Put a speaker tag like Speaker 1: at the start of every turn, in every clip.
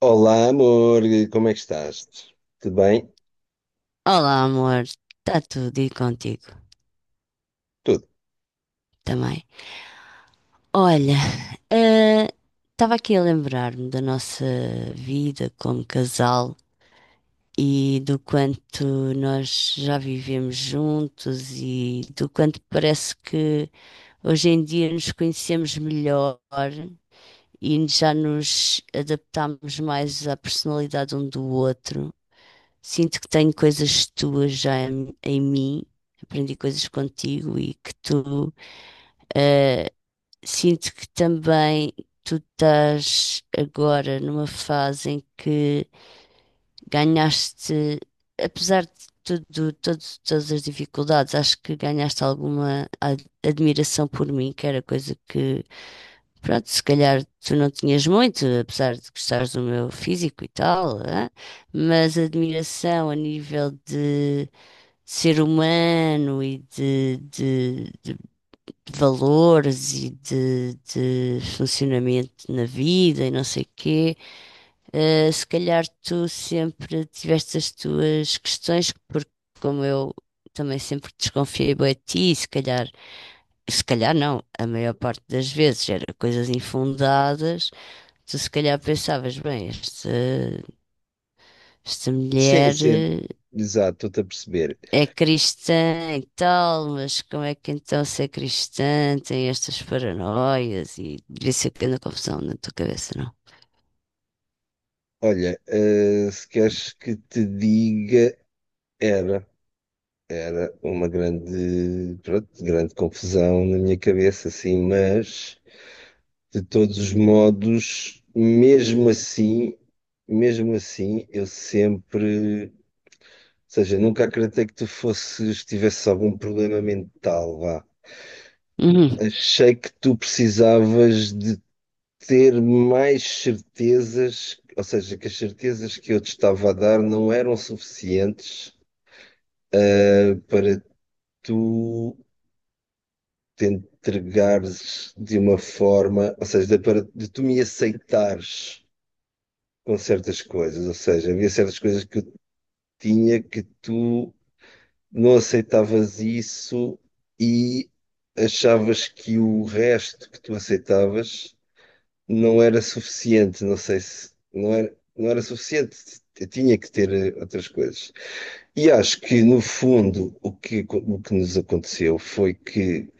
Speaker 1: Olá, amor, como é que estás? Tudo bem?
Speaker 2: Olá, amor. Está tudo e contigo
Speaker 1: Tudo.
Speaker 2: também. Olha, eh, estava aqui a lembrar-me da nossa vida como casal e do quanto nós já vivemos juntos e do quanto parece que hoje em dia nos conhecemos melhor e já nos adaptámos mais à personalidade um do outro. Sinto que tenho coisas tuas já em mim, aprendi coisas contigo e que tu. Ah, sinto que também tu estás agora numa fase em que ganhaste, apesar de tudo, todas as dificuldades, acho que ganhaste alguma admiração por mim, que era coisa que, pronto, se calhar tu não tinhas muito, apesar de gostares do meu físico e tal, hã? Mas admiração a nível de ser humano e de valores e de funcionamento na vida e não sei o quê, se calhar tu sempre tiveste as tuas questões, porque como eu também sempre desconfiei bem de ti, e se calhar, se calhar não, a maior parte das vezes era coisas infundadas, tu se calhar pensavas, bem, esta
Speaker 1: Sim,
Speaker 2: mulher.
Speaker 1: sim, exato, estou-te a perceber.
Speaker 2: É cristã e tal, mas como é que então se é cristã tem estas paranoias e isso aqui na confusão na tua cabeça, não?
Speaker 1: Olha, se queres que te diga, era, era uma grande, pronto, grande confusão na minha cabeça, assim, mas de todos os modos, mesmo assim, ou seja, nunca acreditei que tivesses algum problema mental, vá.
Speaker 2: Uhum.
Speaker 1: Achei que tu precisavas de ter mais certezas, ou seja, que as certezas que eu te estava a dar não eram suficientes para tu te entregares de uma forma, ou seja, para de tu me aceitares com certas coisas, ou seja, havia certas coisas que eu tinha que tu não aceitavas isso e achavas que o resto que tu aceitavas não era suficiente, não sei se não era, não era suficiente, eu tinha que ter outras coisas. E acho que no fundo o que nos aconteceu foi que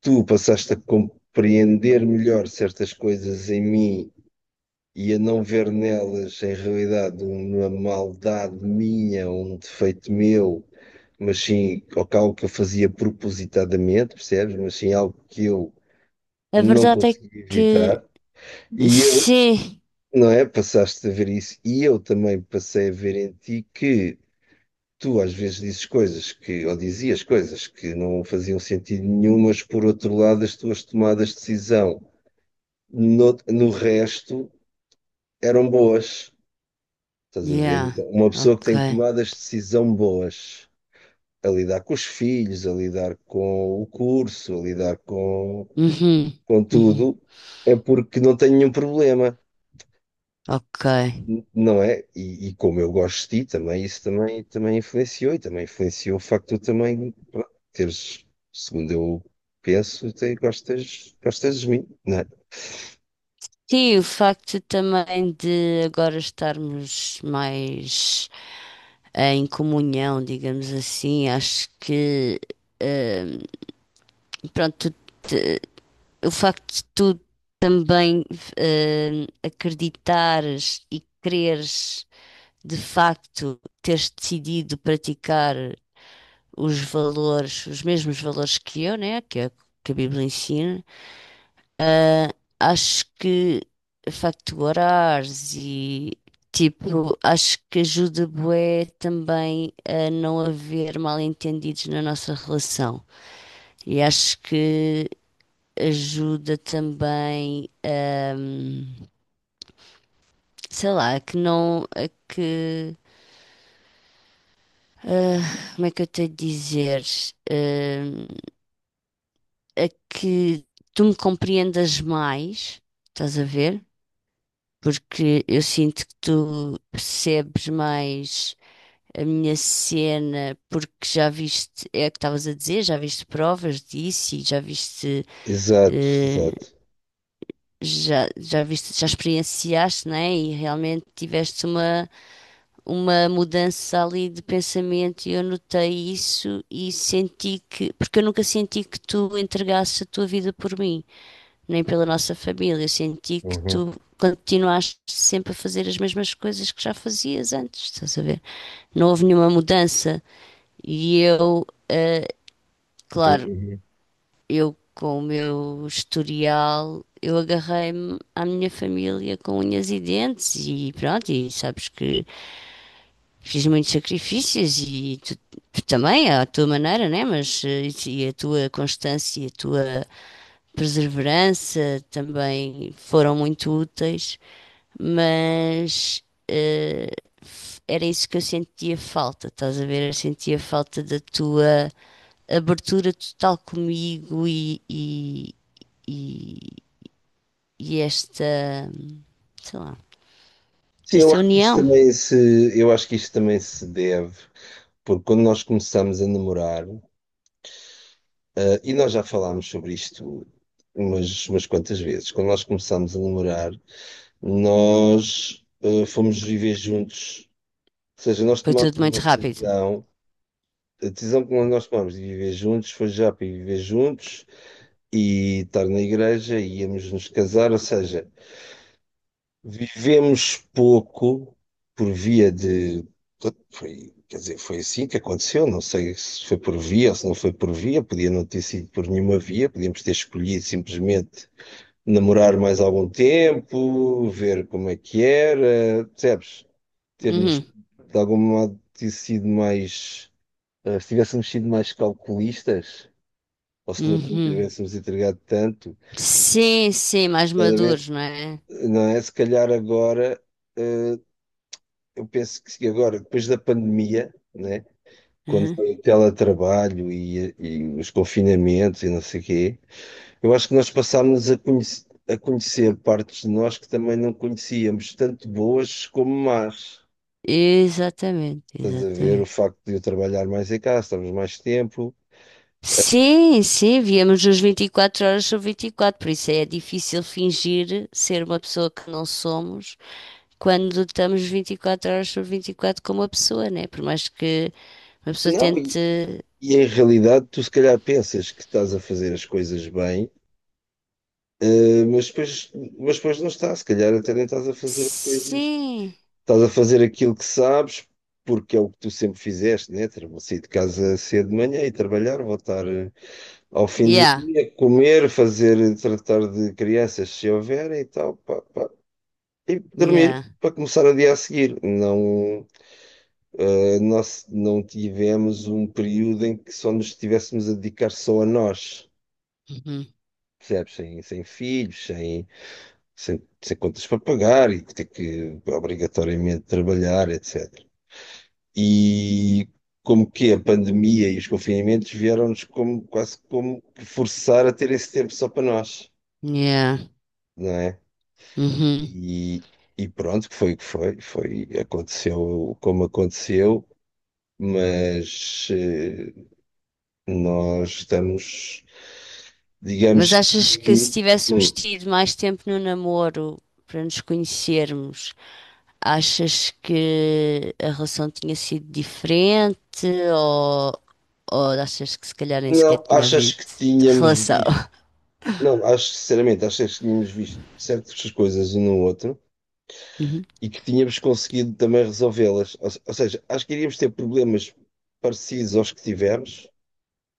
Speaker 1: tu passaste a compreender melhor certas coisas em mim e a não ver nelas em realidade uma maldade minha, um defeito meu. Mas sim, ou que algo que eu fazia propositadamente, percebes? Mas sim, algo que eu
Speaker 2: A
Speaker 1: não
Speaker 2: verdade é
Speaker 1: conseguia
Speaker 2: que
Speaker 1: evitar. E eu
Speaker 2: sim,
Speaker 1: Não é? Passaste a ver isso e eu também passei a ver em ti que tu às vezes dizes coisas ou dizias coisas que não faziam sentido nenhum, mas por outro lado as tuas tomadas de decisão no resto eram boas. Estás a ver?
Speaker 2: yeah,
Speaker 1: Então, uma pessoa que
Speaker 2: ok,
Speaker 1: tem tomadas de decisão boas, a lidar com os filhos, a lidar com o curso,
Speaker 2: uhum.
Speaker 1: com
Speaker 2: Uhum.
Speaker 1: tudo, é porque não tem nenhum problema.
Speaker 2: Ok.
Speaker 1: Não é? E como eu gosto de ti também, também influenciou e também influenciou o facto de tu também pá, teres, segundo eu penso, gostas de mim, não é?
Speaker 2: Sim, o facto também de agora estarmos mais em comunhão, digamos assim, acho que eh, pronto, o facto de tu também acreditares e quereres de facto teres decidido praticar os valores, os mesmos valores que eu, né, que a Bíblia ensina, ah, acho que o facto de orares e tipo, acho que ajuda bué também a não haver mal-entendidos na nossa relação. E acho que ajuda também, sei lá, a que não, a que, como é que eu tenho de dizer, Ahm, a que tu me compreendas mais, estás a ver? Porque eu sinto que tu percebes mais a minha cena, porque já viste, é o que estavas a dizer, já viste provas disso e já viste
Speaker 1: Exato,
Speaker 2: eh,
Speaker 1: exato.
Speaker 2: já viste, já experienciaste, né? E realmente tiveste uma mudança ali de pensamento e eu notei isso e senti que, porque eu nunca senti que tu entregasses a tua vida por mim, nem pela nossa família. Eu senti que
Speaker 1: Uhum,
Speaker 2: tu continuaste sempre a fazer as mesmas coisas que já fazias antes, estás a ver? Não houve nenhuma mudança. E eu, claro,
Speaker 1: uhum.
Speaker 2: eu com o meu historial, eu agarrei-me à minha família com unhas e dentes e pronto, e sabes que fiz muitos sacrifícios e tu também, à tua maneira, né? Mas e a tua constância e a tua perseverança também foram muito úteis, mas era isso que eu sentia falta, estás a ver? Eu sentia falta da tua abertura total comigo e, e esta, sei lá,
Speaker 1: Sim,
Speaker 2: esta união.
Speaker 1: eu acho que isso também se deve, porque quando nós começamos a namorar, e nós já falámos sobre isto umas quantas vezes, quando nós começámos a namorar, nós fomos viver juntos. Ou seja, nós
Speaker 2: Foi
Speaker 1: tomamos
Speaker 2: tudo muito
Speaker 1: uma
Speaker 2: rápido.
Speaker 1: decisão, a decisão que nós tomamos de viver juntos foi já para viver juntos e estar na igreja e íamos nos casar, ou seja, vivemos pouco por via de. Foi, quer dizer, foi assim que aconteceu, não sei se foi por via ou se não foi por via, podia não ter sido por nenhuma via, podíamos ter escolhido simplesmente namorar mais algum tempo, ver como é que era, percebes? Ter-nos
Speaker 2: Uhum,
Speaker 1: de algum modo ter sido mais. Se tivéssemos sido mais calculistas, ou se não
Speaker 2: uhum.
Speaker 1: tivéssemos entregado tanto,
Speaker 2: Sim, sim, mais
Speaker 1: estás a ver?
Speaker 2: maduros, não é?
Speaker 1: Não é? Se calhar agora, eh, eu penso que se agora, depois da pandemia, né? Quando
Speaker 2: Uhum.
Speaker 1: foi o teletrabalho e os confinamentos e não sei o quê, eu acho que nós passámos a conhecer partes de nós que também não conhecíamos, tanto boas como más.
Speaker 2: Exatamente,
Speaker 1: Estás a ver
Speaker 2: exatamente.
Speaker 1: o facto de eu trabalhar mais em casa, estamos mais tempo.
Speaker 2: Sim, sim, víamos os 24 horas sobre 24, por isso é difícil fingir ser uma pessoa que não somos quando estamos 24 horas sobre 24 com uma pessoa, né? Por mais que uma pessoa
Speaker 1: Não.
Speaker 2: tente.
Speaker 1: E em realidade, tu se calhar pensas que estás a fazer as coisas bem, eh, mas depois, mas depois não estás. Se calhar até nem estás a fazer coisas.
Speaker 2: Sim,
Speaker 1: Estás a fazer aquilo que sabes, porque é o que tu sempre fizeste, né? Sair de casa cedo de manhã e trabalhar, voltar ao fim do
Speaker 2: yeah,
Speaker 1: dia, comer, fazer, tratar de crianças se houverem e tal, pá, pá. E dormir.
Speaker 2: yeah,
Speaker 1: Para começar o dia a seguir, não, nós não tivemos um período em que só nos estivéssemos a dedicar só a nós.
Speaker 2: uhum.
Speaker 1: Percebes? Sem filhos, sem contas para pagar e ter que obrigatoriamente trabalhar, etc. E como que a pandemia e os confinamentos vieram-nos como, quase como que forçar a ter esse tempo só para nós,
Speaker 2: Yeah,
Speaker 1: não é?
Speaker 2: uhum.
Speaker 1: E, e pronto, que foi o que foi, foi, aconteceu como aconteceu, mas nós estamos,
Speaker 2: Mas
Speaker 1: digamos
Speaker 2: achas que se
Speaker 1: que.
Speaker 2: tivéssemos
Speaker 1: Hum,
Speaker 2: tido mais tempo no namoro para nos conhecermos? Achas que a relação tinha sido diferente ou, ou, achas que se calhar nem sequer
Speaker 1: não,
Speaker 2: tinha
Speaker 1: achas
Speaker 2: havido
Speaker 1: que tínhamos
Speaker 2: relação?
Speaker 1: visto. Não, acho que, sinceramente, acho que tínhamos visto certas coisas um no outro
Speaker 2: Uhum,
Speaker 1: e que tínhamos conseguido também resolvê-las. Ou, se- ou seja, acho que iríamos ter problemas parecidos aos que tivemos,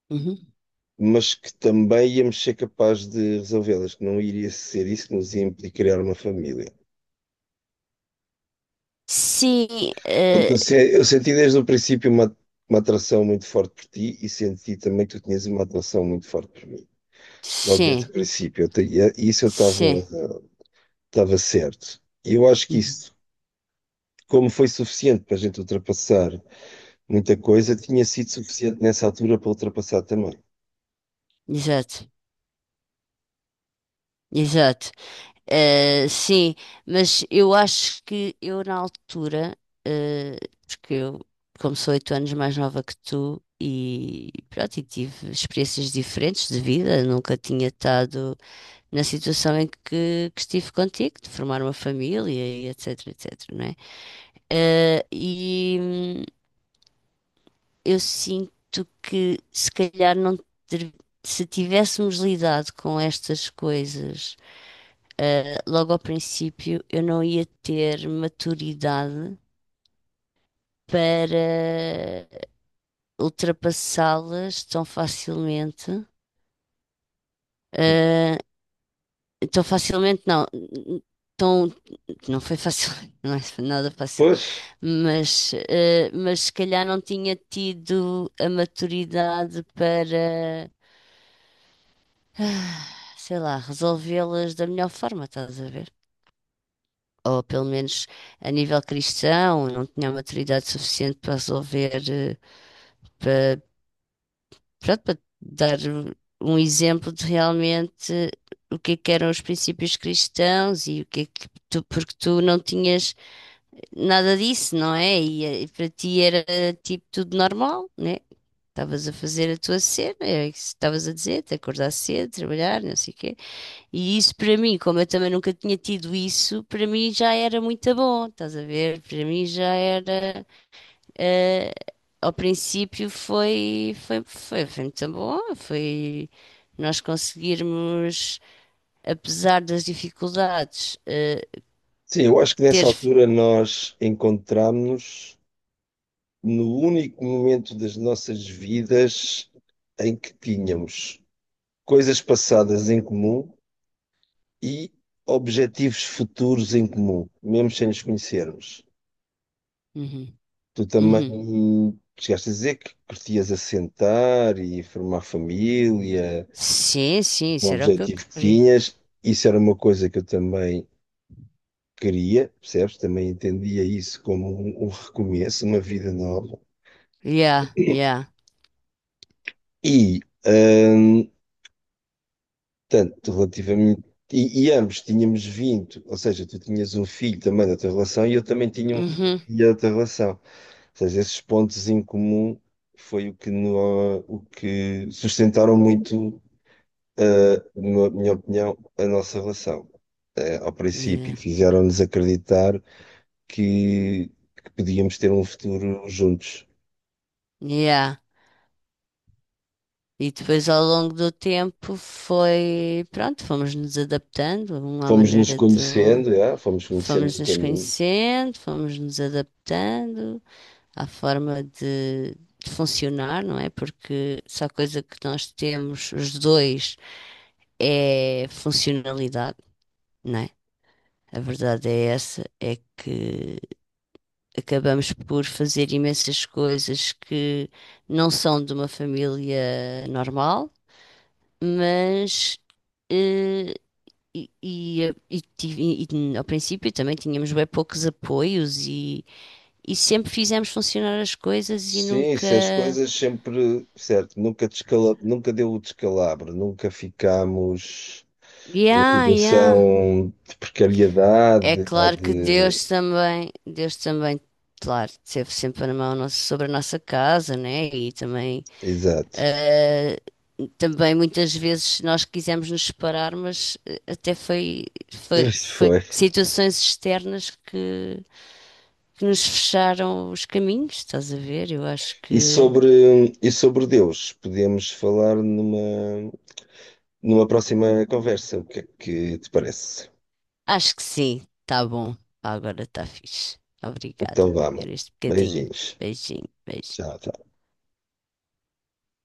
Speaker 2: uhum.
Speaker 1: mas que também íamos ser capazes de resolvê-las, que não iria ser isso que nos ia implicar criar uma família.
Speaker 2: Sim,
Speaker 1: Porque
Speaker 2: eh,
Speaker 1: eu, se- eu senti desde o princípio uma atração muito forte por ti e senti também que tu tinhas uma atração muito forte por mim. Logo desde
Speaker 2: sim,
Speaker 1: o princípio, e isso eu
Speaker 2: sim.
Speaker 1: estava estava certo. E eu acho que
Speaker 2: Uhum.
Speaker 1: isso como foi suficiente para a gente ultrapassar muita coisa, tinha sido suficiente nessa altura para ultrapassar também.
Speaker 2: Exato, exato. Sim, mas eu acho que eu na altura, eh, porque eu, como sou 8 anos mais nova que tu, e pronto, e tive experiências diferentes de vida, nunca tinha estado, na situação em que estive contigo, de formar uma família e etc, etc, não é? E eu sinto que se calhar não ter- se tivéssemos lidado com estas coisas logo ao princípio, eu não ia ter maturidade para ultrapassá-las tão facilmente. eh, Estou facilmente, não. Tão, não foi fácil, não é nada fácil.
Speaker 1: Pois,
Speaker 2: Mas se calhar não tinha tido a maturidade para, sei lá, resolvê-las da melhor forma, estás a ver? Ou pelo menos a nível cristão, não tinha a maturidade suficiente para resolver, para, pronto, para dar um exemplo de realmente o que é que eram os princípios cristãos e o que é que tu, porque tu não tinhas, nada disso, não é? E, para ti era tipo tudo normal, né? Estavas a fazer a tua cena, é isso que estavas a dizer, te acordar cedo, trabalhar, não sei o quê. E isso para mim, como eu também nunca tinha tido isso, para mim já era muito bom, estás a ver? Para mim já era. eh, ao princípio foi, muito bom, foi nós conseguirmos, apesar das dificuldades,
Speaker 1: sim, eu acho que nessa
Speaker 2: ter.
Speaker 1: altura nós encontramos-nos no único momento das nossas vidas em que tínhamos coisas passadas em comum e objetivos futuros em comum, mesmo sem nos conhecermos.
Speaker 2: Uhum,
Speaker 1: Tu
Speaker 2: uhum.
Speaker 1: também chegaste a dizer que curtias assentar e formar família,
Speaker 2: Sim, sim,
Speaker 1: o
Speaker 2: será que eu
Speaker 1: objetivo que
Speaker 2: queria?
Speaker 1: tinhas, isso era uma coisa que eu também queria, percebes? Também entendia isso como um recomeço, uma vida nova.
Speaker 2: Yeah, yeah.
Speaker 1: E, hum, tanto relativamente. E ambos tínhamos vindo, ou seja, tu tinhas um filho também da tua relação e eu também tinha um
Speaker 2: Uhum.
Speaker 1: filho da tua relação. Ou seja, esses pontos em comum foi o que, no, o que sustentaram muito, na minha opinião, a nossa relação. Eh, ao princípio,
Speaker 2: Yeah,
Speaker 1: fizeram-nos acreditar que podíamos ter um futuro juntos.
Speaker 2: yeah. E depois ao longo do tempo foi, pronto, fomos nos adaptando, uma
Speaker 1: Fomos nos
Speaker 2: maneira de
Speaker 1: conhecendo, já, fomos conhecendo
Speaker 2: fomos
Speaker 1: no
Speaker 2: nos
Speaker 1: caminho.
Speaker 2: conhecendo, fomos nos adaptando à forma de funcionar, não é? Porque só a coisa que nós temos os dois é funcionalidade, não é? A verdade é essa, é que acabamos por fazer imensas coisas que não são de uma família normal, mas eh, e, e, e tive- e ao princípio também tínhamos bem poucos apoios e sempre fizemos funcionar as coisas e
Speaker 1: Sim,
Speaker 2: nunca.
Speaker 1: se as coisas sempre, certo, nunca, descala, nunca deu o descalabro, nunca ficámos numa
Speaker 2: Yeah, yeah.
Speaker 1: situação de
Speaker 2: É
Speaker 1: precariedade ou
Speaker 2: claro que
Speaker 1: de.
Speaker 2: Deus também, claro, esteve sempre na mão nossa- sobre a nossa casa, né? E também.
Speaker 1: Exato.
Speaker 2: Ah, também muitas vezes nós quisemos nos separar, mas até foi,
Speaker 1: Isso foi.
Speaker 2: situações externas que nos fecharam os caminhos, estás a ver? Eu acho que
Speaker 1: E sobre Deus, podemos falar numa próxima conversa. O que é que te parece?
Speaker 2: acho que sim, tá bom. Agora tá fixe.
Speaker 1: Então
Speaker 2: Obrigada
Speaker 1: vá,
Speaker 2: por
Speaker 1: mano.
Speaker 2: este bocadinho.
Speaker 1: Beijinhos.
Speaker 2: Beijinho, beijinho.
Speaker 1: Tchau, tchau.